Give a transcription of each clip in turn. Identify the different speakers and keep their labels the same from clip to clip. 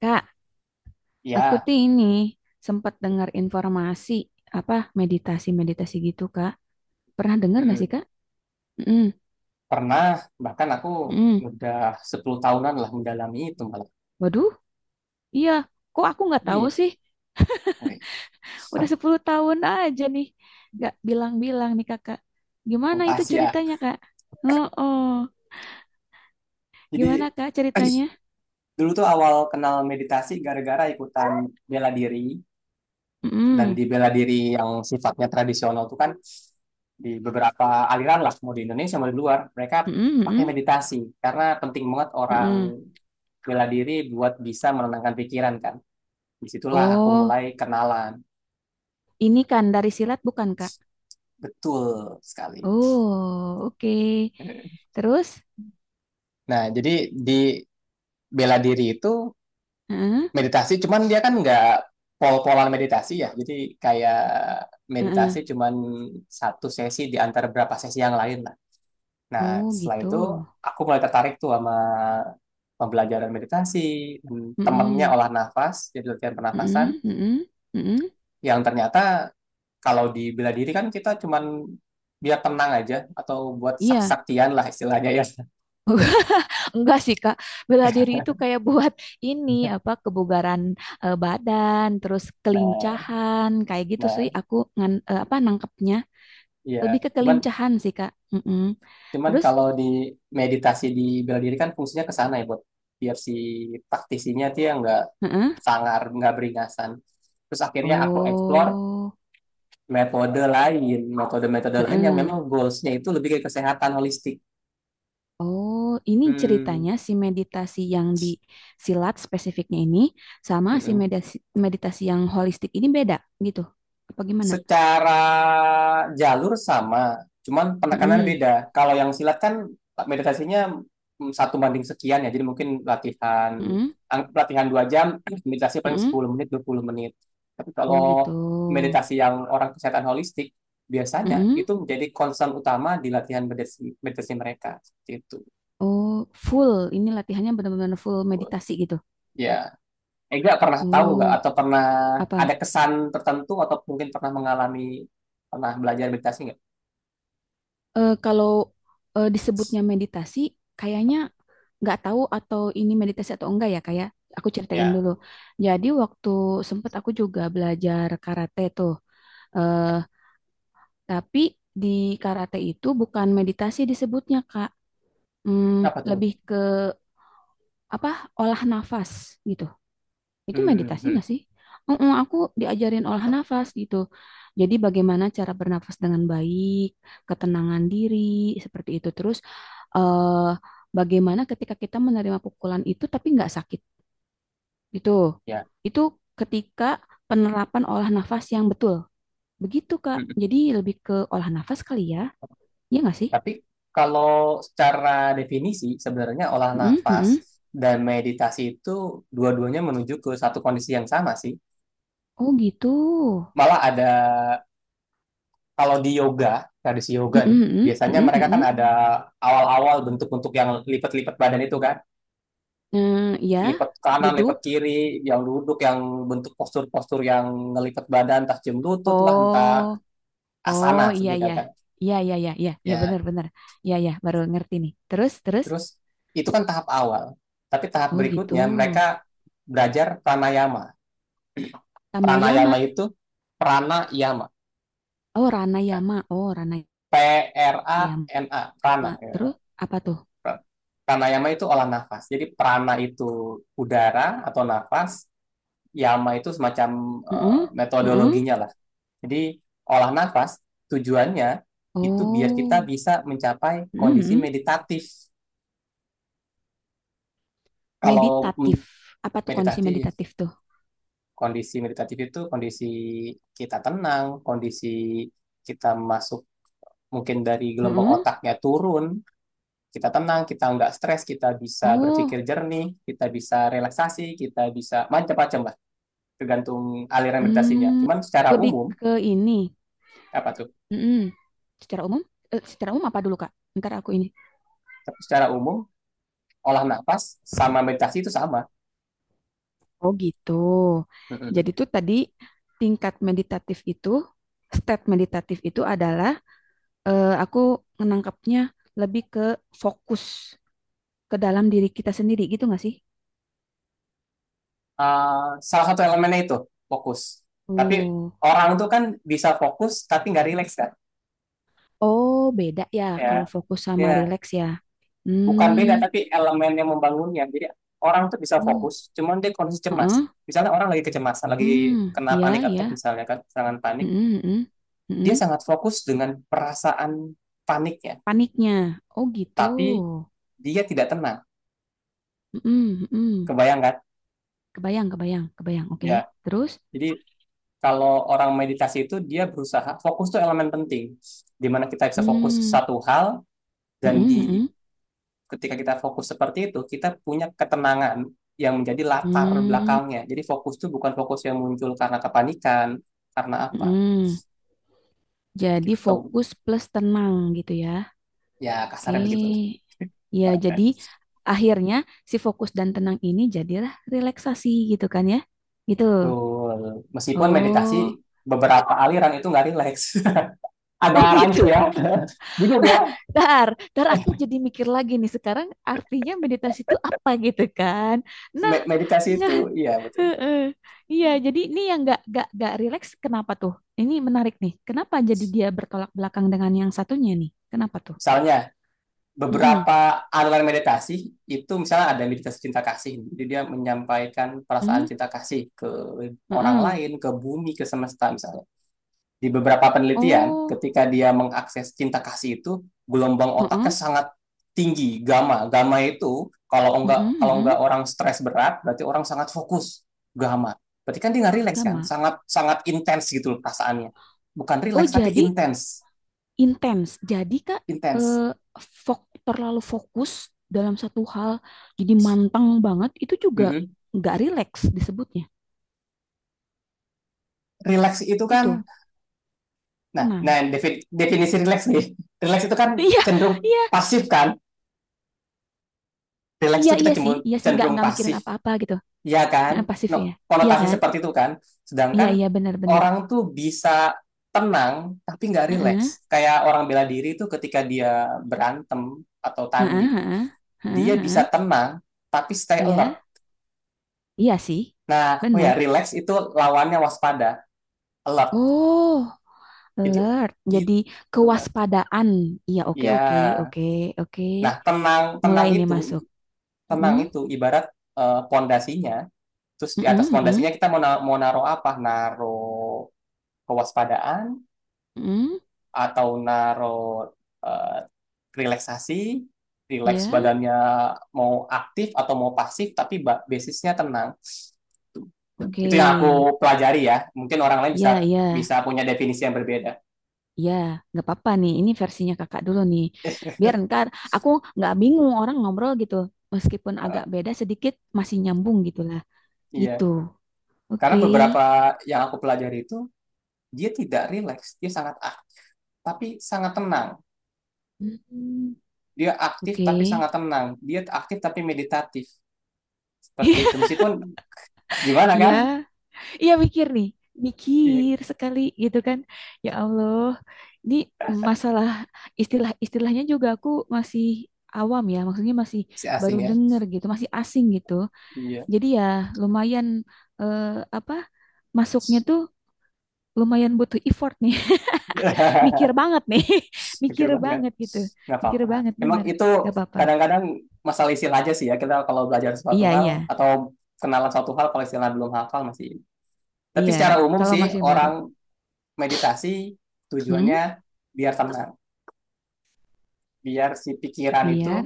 Speaker 1: Kak, aku
Speaker 2: Ya,
Speaker 1: tuh ini sempat dengar informasi apa meditasi-meditasi gitu, Kak. Pernah dengar nggak sih,
Speaker 2: mm,
Speaker 1: Kak? Mm,
Speaker 2: pernah. Bahkan aku
Speaker 1: mm.
Speaker 2: udah 10 tahunan lah mendalami itu malah.
Speaker 1: Waduh, iya. Kok aku nggak tahu
Speaker 2: Ih,
Speaker 1: sih?
Speaker 2: woi,
Speaker 1: Udah 10 tahun aja nih. Nggak bilang-bilang nih, Kakak. Gimana itu
Speaker 2: Asia.
Speaker 1: ceritanya, Kak? Oh, oh. Gimana,
Speaker 2: Jadi
Speaker 1: Kak, ceritanya?
Speaker 2: dulu tuh awal kenal meditasi gara-gara ikutan bela diri. Dan
Speaker 1: Mm,
Speaker 2: di bela diri yang sifatnya tradisional tuh kan di beberapa aliran lah, mau di Indonesia mau di luar, mereka
Speaker 1: mm,
Speaker 2: pakai
Speaker 1: mm,
Speaker 2: meditasi. Karena penting banget
Speaker 1: mm, mm.
Speaker 2: orang bela diri buat bisa menenangkan pikiran kan. Disitulah aku
Speaker 1: Oh,
Speaker 2: mulai kenalan.
Speaker 1: ini kan dari silat bukan, Kak?
Speaker 2: Betul sekali.
Speaker 1: Oh, oke. Terus?
Speaker 2: Nah, jadi di bela diri itu
Speaker 1: Heeh,
Speaker 2: meditasi, cuman dia kan nggak pol-polan meditasi ya. Jadi kayak meditasi
Speaker 1: heeh.
Speaker 2: cuman satu sesi di antara berapa sesi yang lain lah. Nah,
Speaker 1: Oh,
Speaker 2: setelah
Speaker 1: gitu.
Speaker 2: itu aku mulai tertarik tuh sama pembelajaran meditasi, temennya
Speaker 1: Mm-mm,
Speaker 2: olah nafas, jadi latihan pernafasan,
Speaker 1: mm-mm, mm-mm, mm-mm.
Speaker 2: yang ternyata kalau di bela diri kan kita cuman biar tenang aja atau buat
Speaker 1: Iya.
Speaker 2: sak-saktian lah istilahnya ya.
Speaker 1: Enggak sih, Kak. Bela diri itu kayak buat ini apa kebugaran eh, badan, terus
Speaker 2: Nah,
Speaker 1: kelincahan, kayak gitu sih
Speaker 2: nah,
Speaker 1: aku eh, apa nangkepnya.
Speaker 2: iya.
Speaker 1: Lebih ke
Speaker 2: Cuman
Speaker 1: kelincahan sih, Kak. Mm-mm.
Speaker 2: Cuman
Speaker 1: Terus,
Speaker 2: kalau di meditasi di bela diri kan fungsinya ke sana ya buat biar si praktisinya tuh yang nggak
Speaker 1: heeh.
Speaker 2: sangar, nggak beringasan. Terus akhirnya aku explore
Speaker 1: Oh,
Speaker 2: metode lain, metode-metode lain yang memang
Speaker 1: heeh.
Speaker 2: goalsnya itu lebih ke kesehatan holistik.
Speaker 1: Oh, ini
Speaker 2: Hmm,
Speaker 1: ceritanya si meditasi yang di silat spesifiknya ini sama si
Speaker 2: mm-mm.
Speaker 1: meditasi meditasi yang holistik ini beda gitu. Apa gimana?
Speaker 2: Secara jalur sama, cuman penekanannya
Speaker 1: Mm-mm.
Speaker 2: beda. Kalau yang silat kan meditasinya satu banding sekian ya, jadi mungkin
Speaker 1: Mm-mm.
Speaker 2: latihan 2 jam, meditasi paling
Speaker 1: Mm-mm.
Speaker 2: 10 menit, 20 menit. Tapi
Speaker 1: Oh gitu.
Speaker 2: kalau meditasi yang orang kesehatan holistik, biasanya
Speaker 1: Mm-mm.
Speaker 2: itu menjadi concern utama di latihan meditasi mereka. Seperti itu.
Speaker 1: Oh full. Ini latihannya benar-benar full meditasi gitu.
Speaker 2: Ya, Ega pernah tahu nggak
Speaker 1: Oh
Speaker 2: atau pernah ada
Speaker 1: apa?
Speaker 2: kesan tertentu atau mungkin pernah mengalami, pernah belajar meditasi nggak?
Speaker 1: Eh kalau eh, disebutnya meditasi, kayaknya nggak tahu atau ini meditasi atau enggak ya kayak. Aku ceritain
Speaker 2: Ya,
Speaker 1: dulu. Jadi waktu sempet aku juga belajar karate tuh. Eh tapi di karate itu bukan meditasi disebutnya Kak. Hmm,
Speaker 2: apa tuh?
Speaker 1: lebih ke apa? Olah nafas gitu. Itu
Speaker 2: Hmm,
Speaker 1: meditasi
Speaker 2: hmm,
Speaker 1: nggak sih? Heeh, aku diajarin olah nafas gitu. Jadi bagaimana cara bernafas dengan baik, ketenangan diri, seperti itu. Terus eh, bagaimana ketika kita menerima pukulan itu tapi nggak sakit gitu.
Speaker 2: ya.
Speaker 1: Itu ketika penerapan olah nafas yang betul. Begitu, Kak.
Speaker 2: Hmm.
Speaker 1: Jadi lebih ke olah nafas kali ya. Iya nggak sih?
Speaker 2: Tapi kalau secara definisi sebenarnya olah
Speaker 1: Mm, mm.
Speaker 2: nafas dan meditasi itu dua-duanya menuju ke satu kondisi yang sama sih.
Speaker 1: Oh gitu.
Speaker 2: Malah ada kalau di yoga, tradisi yoga
Speaker 1: Mm, mm,
Speaker 2: nih,
Speaker 1: mm,
Speaker 2: biasanya
Speaker 1: mm,
Speaker 2: mereka
Speaker 1: mm,
Speaker 2: kan
Speaker 1: mm.
Speaker 2: ada awal-awal bentuk-bentuk yang lipat-lipat badan itu kan,
Speaker 1: Eh, ya,
Speaker 2: lipat kanan,
Speaker 1: duduk.
Speaker 2: lipat kiri, yang duduk, yang bentuk postur-postur yang ngelipat badan, entah jam lutut lah, entah
Speaker 1: Oh, oh
Speaker 2: asana
Speaker 1: iya
Speaker 2: sebutnya
Speaker 1: iya.
Speaker 2: kan.
Speaker 1: Iya iya iya iya iya
Speaker 2: Ya.
Speaker 1: benar benar. Iya iya baru ngerti nih. Terus terus.
Speaker 2: Terus itu kan tahap awal. Tapi tahap
Speaker 1: Oh gitu.
Speaker 2: berikutnya mereka belajar pranayama. Pranayama
Speaker 1: Tamayama.
Speaker 2: itu pranayama.
Speaker 1: Oh Ranayama. Oh Ranayama.
Speaker 2: P R A N A, prana.
Speaker 1: Terus
Speaker 2: Ya,
Speaker 1: apa tuh?
Speaker 2: pranayama itu olah nafas. Jadi prana itu udara atau nafas, yama itu semacam
Speaker 1: Heeh. Heeh.
Speaker 2: metodologinya lah. Jadi olah nafas tujuannya itu biar kita
Speaker 1: Oh.
Speaker 2: bisa mencapai kondisi
Speaker 1: Mm-mm.
Speaker 2: meditatif. Kalau
Speaker 1: Meditatif.
Speaker 2: mm,
Speaker 1: Apa tuh kondisi
Speaker 2: meditatif
Speaker 1: meditatif tuh?
Speaker 2: Kondisi meditatif itu kondisi kita tenang, kondisi kita masuk mungkin dari gelombang
Speaker 1: Heeh.
Speaker 2: otaknya turun, kita tenang, kita nggak stres, kita bisa
Speaker 1: Oh.
Speaker 2: berpikir jernih, kita bisa relaksasi, kita bisa macam-macam lah, tergantung aliran meditasinya.
Speaker 1: Hmm.
Speaker 2: Cuman secara
Speaker 1: Lebih
Speaker 2: umum,
Speaker 1: ke ini.
Speaker 2: apa tuh?
Speaker 1: Mm-mm. Secara umum? Eh, secara umum apa dulu Kak? Ntar aku ini.
Speaker 2: Tapi secara umum, olah nafas sama meditasi itu sama.
Speaker 1: Oh gitu. Jadi tuh tadi tingkat meditatif itu, step meditatif itu adalah aku menangkapnya lebih ke fokus ke dalam diri kita sendiri gitu nggak sih?
Speaker 2: Salah satu elemennya itu fokus. Tapi
Speaker 1: Oh,
Speaker 2: orang tuh kan bisa fokus tapi nggak rileks kan?
Speaker 1: oh beda ya kalau
Speaker 2: Ya,
Speaker 1: fokus sama
Speaker 2: ya,
Speaker 1: relax ya.
Speaker 2: bukan beda
Speaker 1: Hmm,
Speaker 2: tapi elemen yang membangunnya. Jadi orang tuh bisa
Speaker 1: oh,
Speaker 2: fokus cuman dia kondisi cemas,
Speaker 1: heeh.
Speaker 2: misalnya orang lagi kecemasan lagi
Speaker 1: Hmm,
Speaker 2: kena
Speaker 1: iya
Speaker 2: panic
Speaker 1: ya.
Speaker 2: attack, misalnya kan serangan panik,
Speaker 1: Hmm, hmm, hmm. Hmm,
Speaker 2: dia
Speaker 1: hmm.
Speaker 2: sangat fokus dengan perasaan paniknya
Speaker 1: Paniknya. Oh gitu.
Speaker 2: tapi dia tidak tenang,
Speaker 1: Hmm, hmm. Hmm.
Speaker 2: kebayang kan
Speaker 1: Kebayang, kebayang, kebayang. Oke.
Speaker 2: ya.
Speaker 1: Terus,
Speaker 2: Jadi kalau orang meditasi itu dia berusaha fokus tuh elemen penting di mana kita bisa fokus
Speaker 1: hmm,
Speaker 2: satu hal.
Speaker 1: hmm,
Speaker 2: Dan
Speaker 1: hmm. Hmm.
Speaker 2: ketika kita fokus seperti itu, kita punya ketenangan yang menjadi latar
Speaker 1: Hmm,
Speaker 2: belakangnya. Jadi fokus itu bukan fokus yang muncul karena kepanikan, karena apa?
Speaker 1: mm. Jadi
Speaker 2: Gitu.
Speaker 1: fokus plus tenang gitu ya.
Speaker 2: Ya kasarnya begitu.
Speaker 1: Oke. Ya, jadi akhirnya si fokus dan tenang ini jadilah relaksasi gitu kan ya. Gitu.
Speaker 2: Betul. Meskipun meditasi
Speaker 1: Oh.
Speaker 2: beberapa aliran itu nggak rileks. Ada
Speaker 1: Oh
Speaker 2: rancu
Speaker 1: gitu.
Speaker 2: ya. Bingung ya.
Speaker 1: Dar, dar aku jadi mikir lagi nih sekarang artinya meditasi itu apa gitu kan. Nah,
Speaker 2: Meditasi
Speaker 1: nah,
Speaker 2: itu, iya betul.
Speaker 1: heeh. Iya, jadi ini yang gak rileks kenapa tuh? Ini menarik nih. Kenapa jadi dia bertolak belakang dengan yang satunya nih? Kenapa tuh?
Speaker 2: Misalnya,
Speaker 1: Mm-mm.
Speaker 2: beberapa aliran meditasi itu misalnya ada meditasi cinta kasih. Jadi dia menyampaikan perasaan
Speaker 1: Hmm?
Speaker 2: cinta kasih ke orang
Speaker 1: Heeh.
Speaker 2: lain, ke bumi, ke semesta, misalnya di beberapa penelitian,
Speaker 1: Oh,
Speaker 2: ketika dia mengakses cinta kasih itu, gelombang otaknya
Speaker 1: heeh.
Speaker 2: sangat tinggi, gamma. Gamma itu kalau enggak
Speaker 1: Heeh,
Speaker 2: kalau enggak
Speaker 1: heeh.
Speaker 2: orang stres berat, berarti orang sangat fokus, gamma. Berarti kan dia nggak rileks kan?
Speaker 1: Gama.
Speaker 2: Sangat sangat intens gitu loh perasaannya. Bukan
Speaker 1: Oh,
Speaker 2: rileks tapi
Speaker 1: jadi
Speaker 2: intens,
Speaker 1: intens. Jadi Kak eh
Speaker 2: intens.
Speaker 1: fok terlalu fokus dalam satu hal, jadi manteng banget itu juga
Speaker 2: Mm
Speaker 1: nggak rileks disebutnya.
Speaker 2: Rileks itu kan,
Speaker 1: Gitu.
Speaker 2: nah, nah,
Speaker 1: Tenang.
Speaker 2: definisi rileks nih. Rileks itu kan
Speaker 1: Iya,
Speaker 2: cenderung
Speaker 1: iya,
Speaker 2: pasif kan? Rileks
Speaker 1: iya,
Speaker 2: itu kita cenderung,
Speaker 1: iya sih, nggak
Speaker 2: cenderung
Speaker 1: nggak mikirin
Speaker 2: pasif.
Speaker 1: apa-apa gitu.
Speaker 2: Iya kan?
Speaker 1: Heeh, pasif
Speaker 2: No,
Speaker 1: ya. Iya
Speaker 2: konotasi
Speaker 1: kan?
Speaker 2: seperti itu kan.
Speaker 1: Iya,
Speaker 2: Sedangkan
Speaker 1: iya, benar-benar.
Speaker 2: orang tuh bisa tenang tapi nggak
Speaker 1: Heeh,
Speaker 2: rileks. Kayak orang bela diri itu ketika dia berantem atau
Speaker 1: heeh,
Speaker 2: tanding,
Speaker 1: heeh,
Speaker 2: dia
Speaker 1: heeh,
Speaker 2: bisa
Speaker 1: heeh.
Speaker 2: tenang tapi stay
Speaker 1: Iya,
Speaker 2: alert.
Speaker 1: iya sih,
Speaker 2: Nah, oh ya,
Speaker 1: benar.
Speaker 2: relax itu lawannya waspada, alert.
Speaker 1: Oh.
Speaker 2: Jadi
Speaker 1: Alert. Jadi
Speaker 2: gitu. Benar.
Speaker 1: kewaspadaan. Iya, oke, oke,
Speaker 2: Iya.
Speaker 1: oke, oke.
Speaker 2: Nah, tenang
Speaker 1: Mulai ini masuk.
Speaker 2: tenang
Speaker 1: Mm-mm,
Speaker 2: itu ibarat pondasinya. Terus di atas
Speaker 1: mm-mm, mm-mm,
Speaker 2: pondasinya kita mau naruh apa? Naruh kewaspadaan,
Speaker 1: mm-mm.
Speaker 2: atau naruh eh, relaksasi, relax
Speaker 1: Iya,
Speaker 2: badannya, mau aktif atau mau pasif tapi basisnya tenang.
Speaker 1: oke.
Speaker 2: Itu yang aku pelajari ya. Mungkin orang lain
Speaker 1: Ya
Speaker 2: bisa
Speaker 1: ya
Speaker 2: bisa punya definisi yang berbeda.
Speaker 1: ya. Nggak apa-apa nih. Ini versinya Kakak dulu nih. Biar ntar aku nggak bingung orang ngobrol gitu. Meskipun
Speaker 2: Eh,
Speaker 1: agak beda sedikit, masih nyambung gitu lah. Gitu.
Speaker 2: Iya,
Speaker 1: Oke.
Speaker 2: karena beberapa yang aku pelajari itu dia tidak relax, dia sangat aktif tapi sangat tenang.
Speaker 1: Mm,
Speaker 2: Dia aktif
Speaker 1: oke.
Speaker 2: tapi sangat tenang. Dia aktif tapi meditatif. Seperti itu. Meskipun gimana
Speaker 1: Iya.
Speaker 2: kan?
Speaker 1: Iya mikir nih,
Speaker 2: Iya,
Speaker 1: mikir sekali gitu kan. Ya Allah, ini masalah istilah-istilahnya juga aku masih awam ya, maksudnya masih
Speaker 2: si
Speaker 1: baru
Speaker 2: asing ya.
Speaker 1: denger gitu, masih asing gitu.
Speaker 2: Iya.
Speaker 1: Jadi ya lumayan eh, apa masuknya tuh lumayan butuh effort nih, mikir banget nih,
Speaker 2: Mikir
Speaker 1: mikir
Speaker 2: banget,
Speaker 1: banget gitu,
Speaker 2: nggak
Speaker 1: mikir
Speaker 2: apa-apa,
Speaker 1: banget
Speaker 2: emang
Speaker 1: bener.
Speaker 2: itu
Speaker 1: Gak apa-apa.
Speaker 2: kadang-kadang masalah istilah aja sih ya, kita kalau belajar suatu
Speaker 1: Iya iya
Speaker 2: hal atau kenalan suatu hal kalau istilah belum hafal masih. Tapi
Speaker 1: iya.
Speaker 2: secara umum
Speaker 1: Kalau
Speaker 2: sih
Speaker 1: masih baru,
Speaker 2: orang meditasi
Speaker 1: hmm?
Speaker 2: tujuannya biar tenang, biar si pikiran itu
Speaker 1: Biar,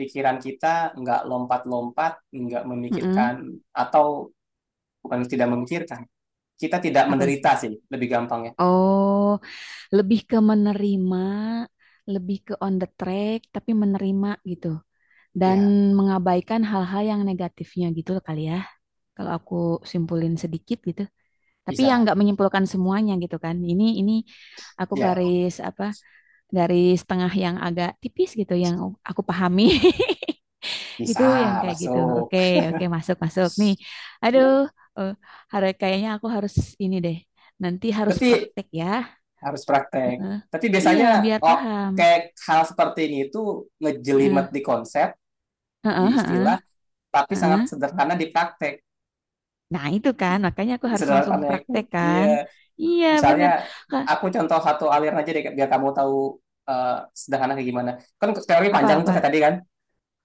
Speaker 2: pikiran kita nggak lompat-lompat, nggak
Speaker 1: mm
Speaker 2: memikirkan, atau bukan tidak memikirkan, kita tidak
Speaker 1: Apa? Sih?
Speaker 2: menderita sih lebih gampangnya.
Speaker 1: Oh. Lebih ke menerima, lebih ke on the track, tapi menerima gitu. Dan
Speaker 2: Ya. Ya,
Speaker 1: mengabaikan hal-hal yang negatifnya gitu loh kali ya. Kalau aku simpulin sedikit gitu. Tapi yang
Speaker 2: bisa.
Speaker 1: nggak menyimpulkan semuanya gitu kan. Ini aku
Speaker 2: Ya,
Speaker 1: garis apa? Garis tengah yang agak tipis gitu yang aku pahami. Gitu
Speaker 2: bisa
Speaker 1: yang kayak gitu.
Speaker 2: masuk
Speaker 1: Oke, oke masuk masuk nih.
Speaker 2: ya.
Speaker 1: Aduh, eh, hari kayaknya aku harus ini deh. Nanti harus
Speaker 2: Tapi
Speaker 1: praktek ya.
Speaker 2: harus praktek.
Speaker 1: Heeh.
Speaker 2: Tapi
Speaker 1: Iya,
Speaker 2: biasanya,
Speaker 1: biar
Speaker 2: oh,
Speaker 1: paham.
Speaker 2: kayak hal seperti ini itu
Speaker 1: Heeh.
Speaker 2: ngejelimet di konsep,
Speaker 1: Heeh,
Speaker 2: di
Speaker 1: heeh,
Speaker 2: istilah, tapi
Speaker 1: heeh.
Speaker 2: sangat sederhana di praktek.
Speaker 1: Nah, itu kan, makanya aku harus langsung
Speaker 2: Sederhana itu,
Speaker 1: praktek kan.
Speaker 2: iya.
Speaker 1: Iya,
Speaker 2: Misalnya,
Speaker 1: bener. Kak,
Speaker 2: aku contoh satu aliran aja deh biar kamu tahu eh, sederhana kayak gimana. Kan teori panjang tuh kayak
Speaker 1: apa-apa?
Speaker 2: tadi kan,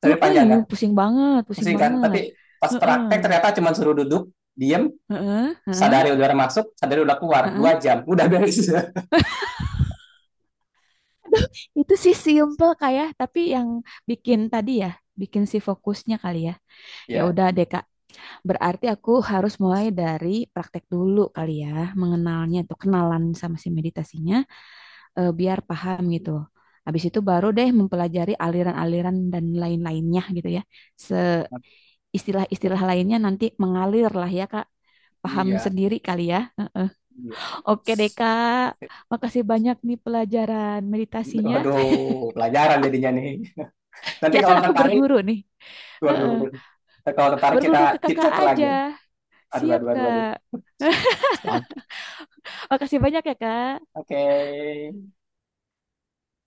Speaker 2: teori
Speaker 1: Heeh,
Speaker 2: panjang
Speaker 1: iya,
Speaker 2: kan,
Speaker 1: pusing banget, pusing
Speaker 2: pusing kan.
Speaker 1: banget.
Speaker 2: Tapi pas
Speaker 1: Heeh,
Speaker 2: praktek ternyata cuma suruh duduk, diem,
Speaker 1: heeh, heeh,
Speaker 2: sadari udara masuk, sadari udah keluar, dua
Speaker 1: heeh.
Speaker 2: jam, udah beres.
Speaker 1: Itu sih simple kayak, tapi yang bikin tadi ya, bikin si fokusnya kali ya. Ya
Speaker 2: Ya,
Speaker 1: udah deh, Kak. Berarti aku harus mulai dari praktek dulu kali ya, mengenalnya tuh, kenalan sama si meditasinya. Eh, biar paham gitu. Habis itu baru deh mempelajari aliran-aliran dan lain-lainnya gitu ya. Se istilah-istilah lainnya nanti mengalir lah ya Kak. Paham
Speaker 2: iya,
Speaker 1: sendiri kali ya. Heeh.
Speaker 2: iya.
Speaker 1: Oke deh Kak, makasih banyak nih pelajaran meditasinya.
Speaker 2: Waduh, pelajaran jadinya nih. Nanti
Speaker 1: Ya kan
Speaker 2: kalau
Speaker 1: aku
Speaker 2: tertarik,
Speaker 1: berguru nih.
Speaker 2: waduh.
Speaker 1: Heeh.
Speaker 2: Kalau tertarik kita
Speaker 1: Berguru ke kakak
Speaker 2: chit-chat
Speaker 1: aja.
Speaker 2: lagi. Aduh,
Speaker 1: Siap
Speaker 2: aduh, aduh, aduh.
Speaker 1: Kak.
Speaker 2: Siap.
Speaker 1: Makasih banyak ya Kak.
Speaker 2: Oke.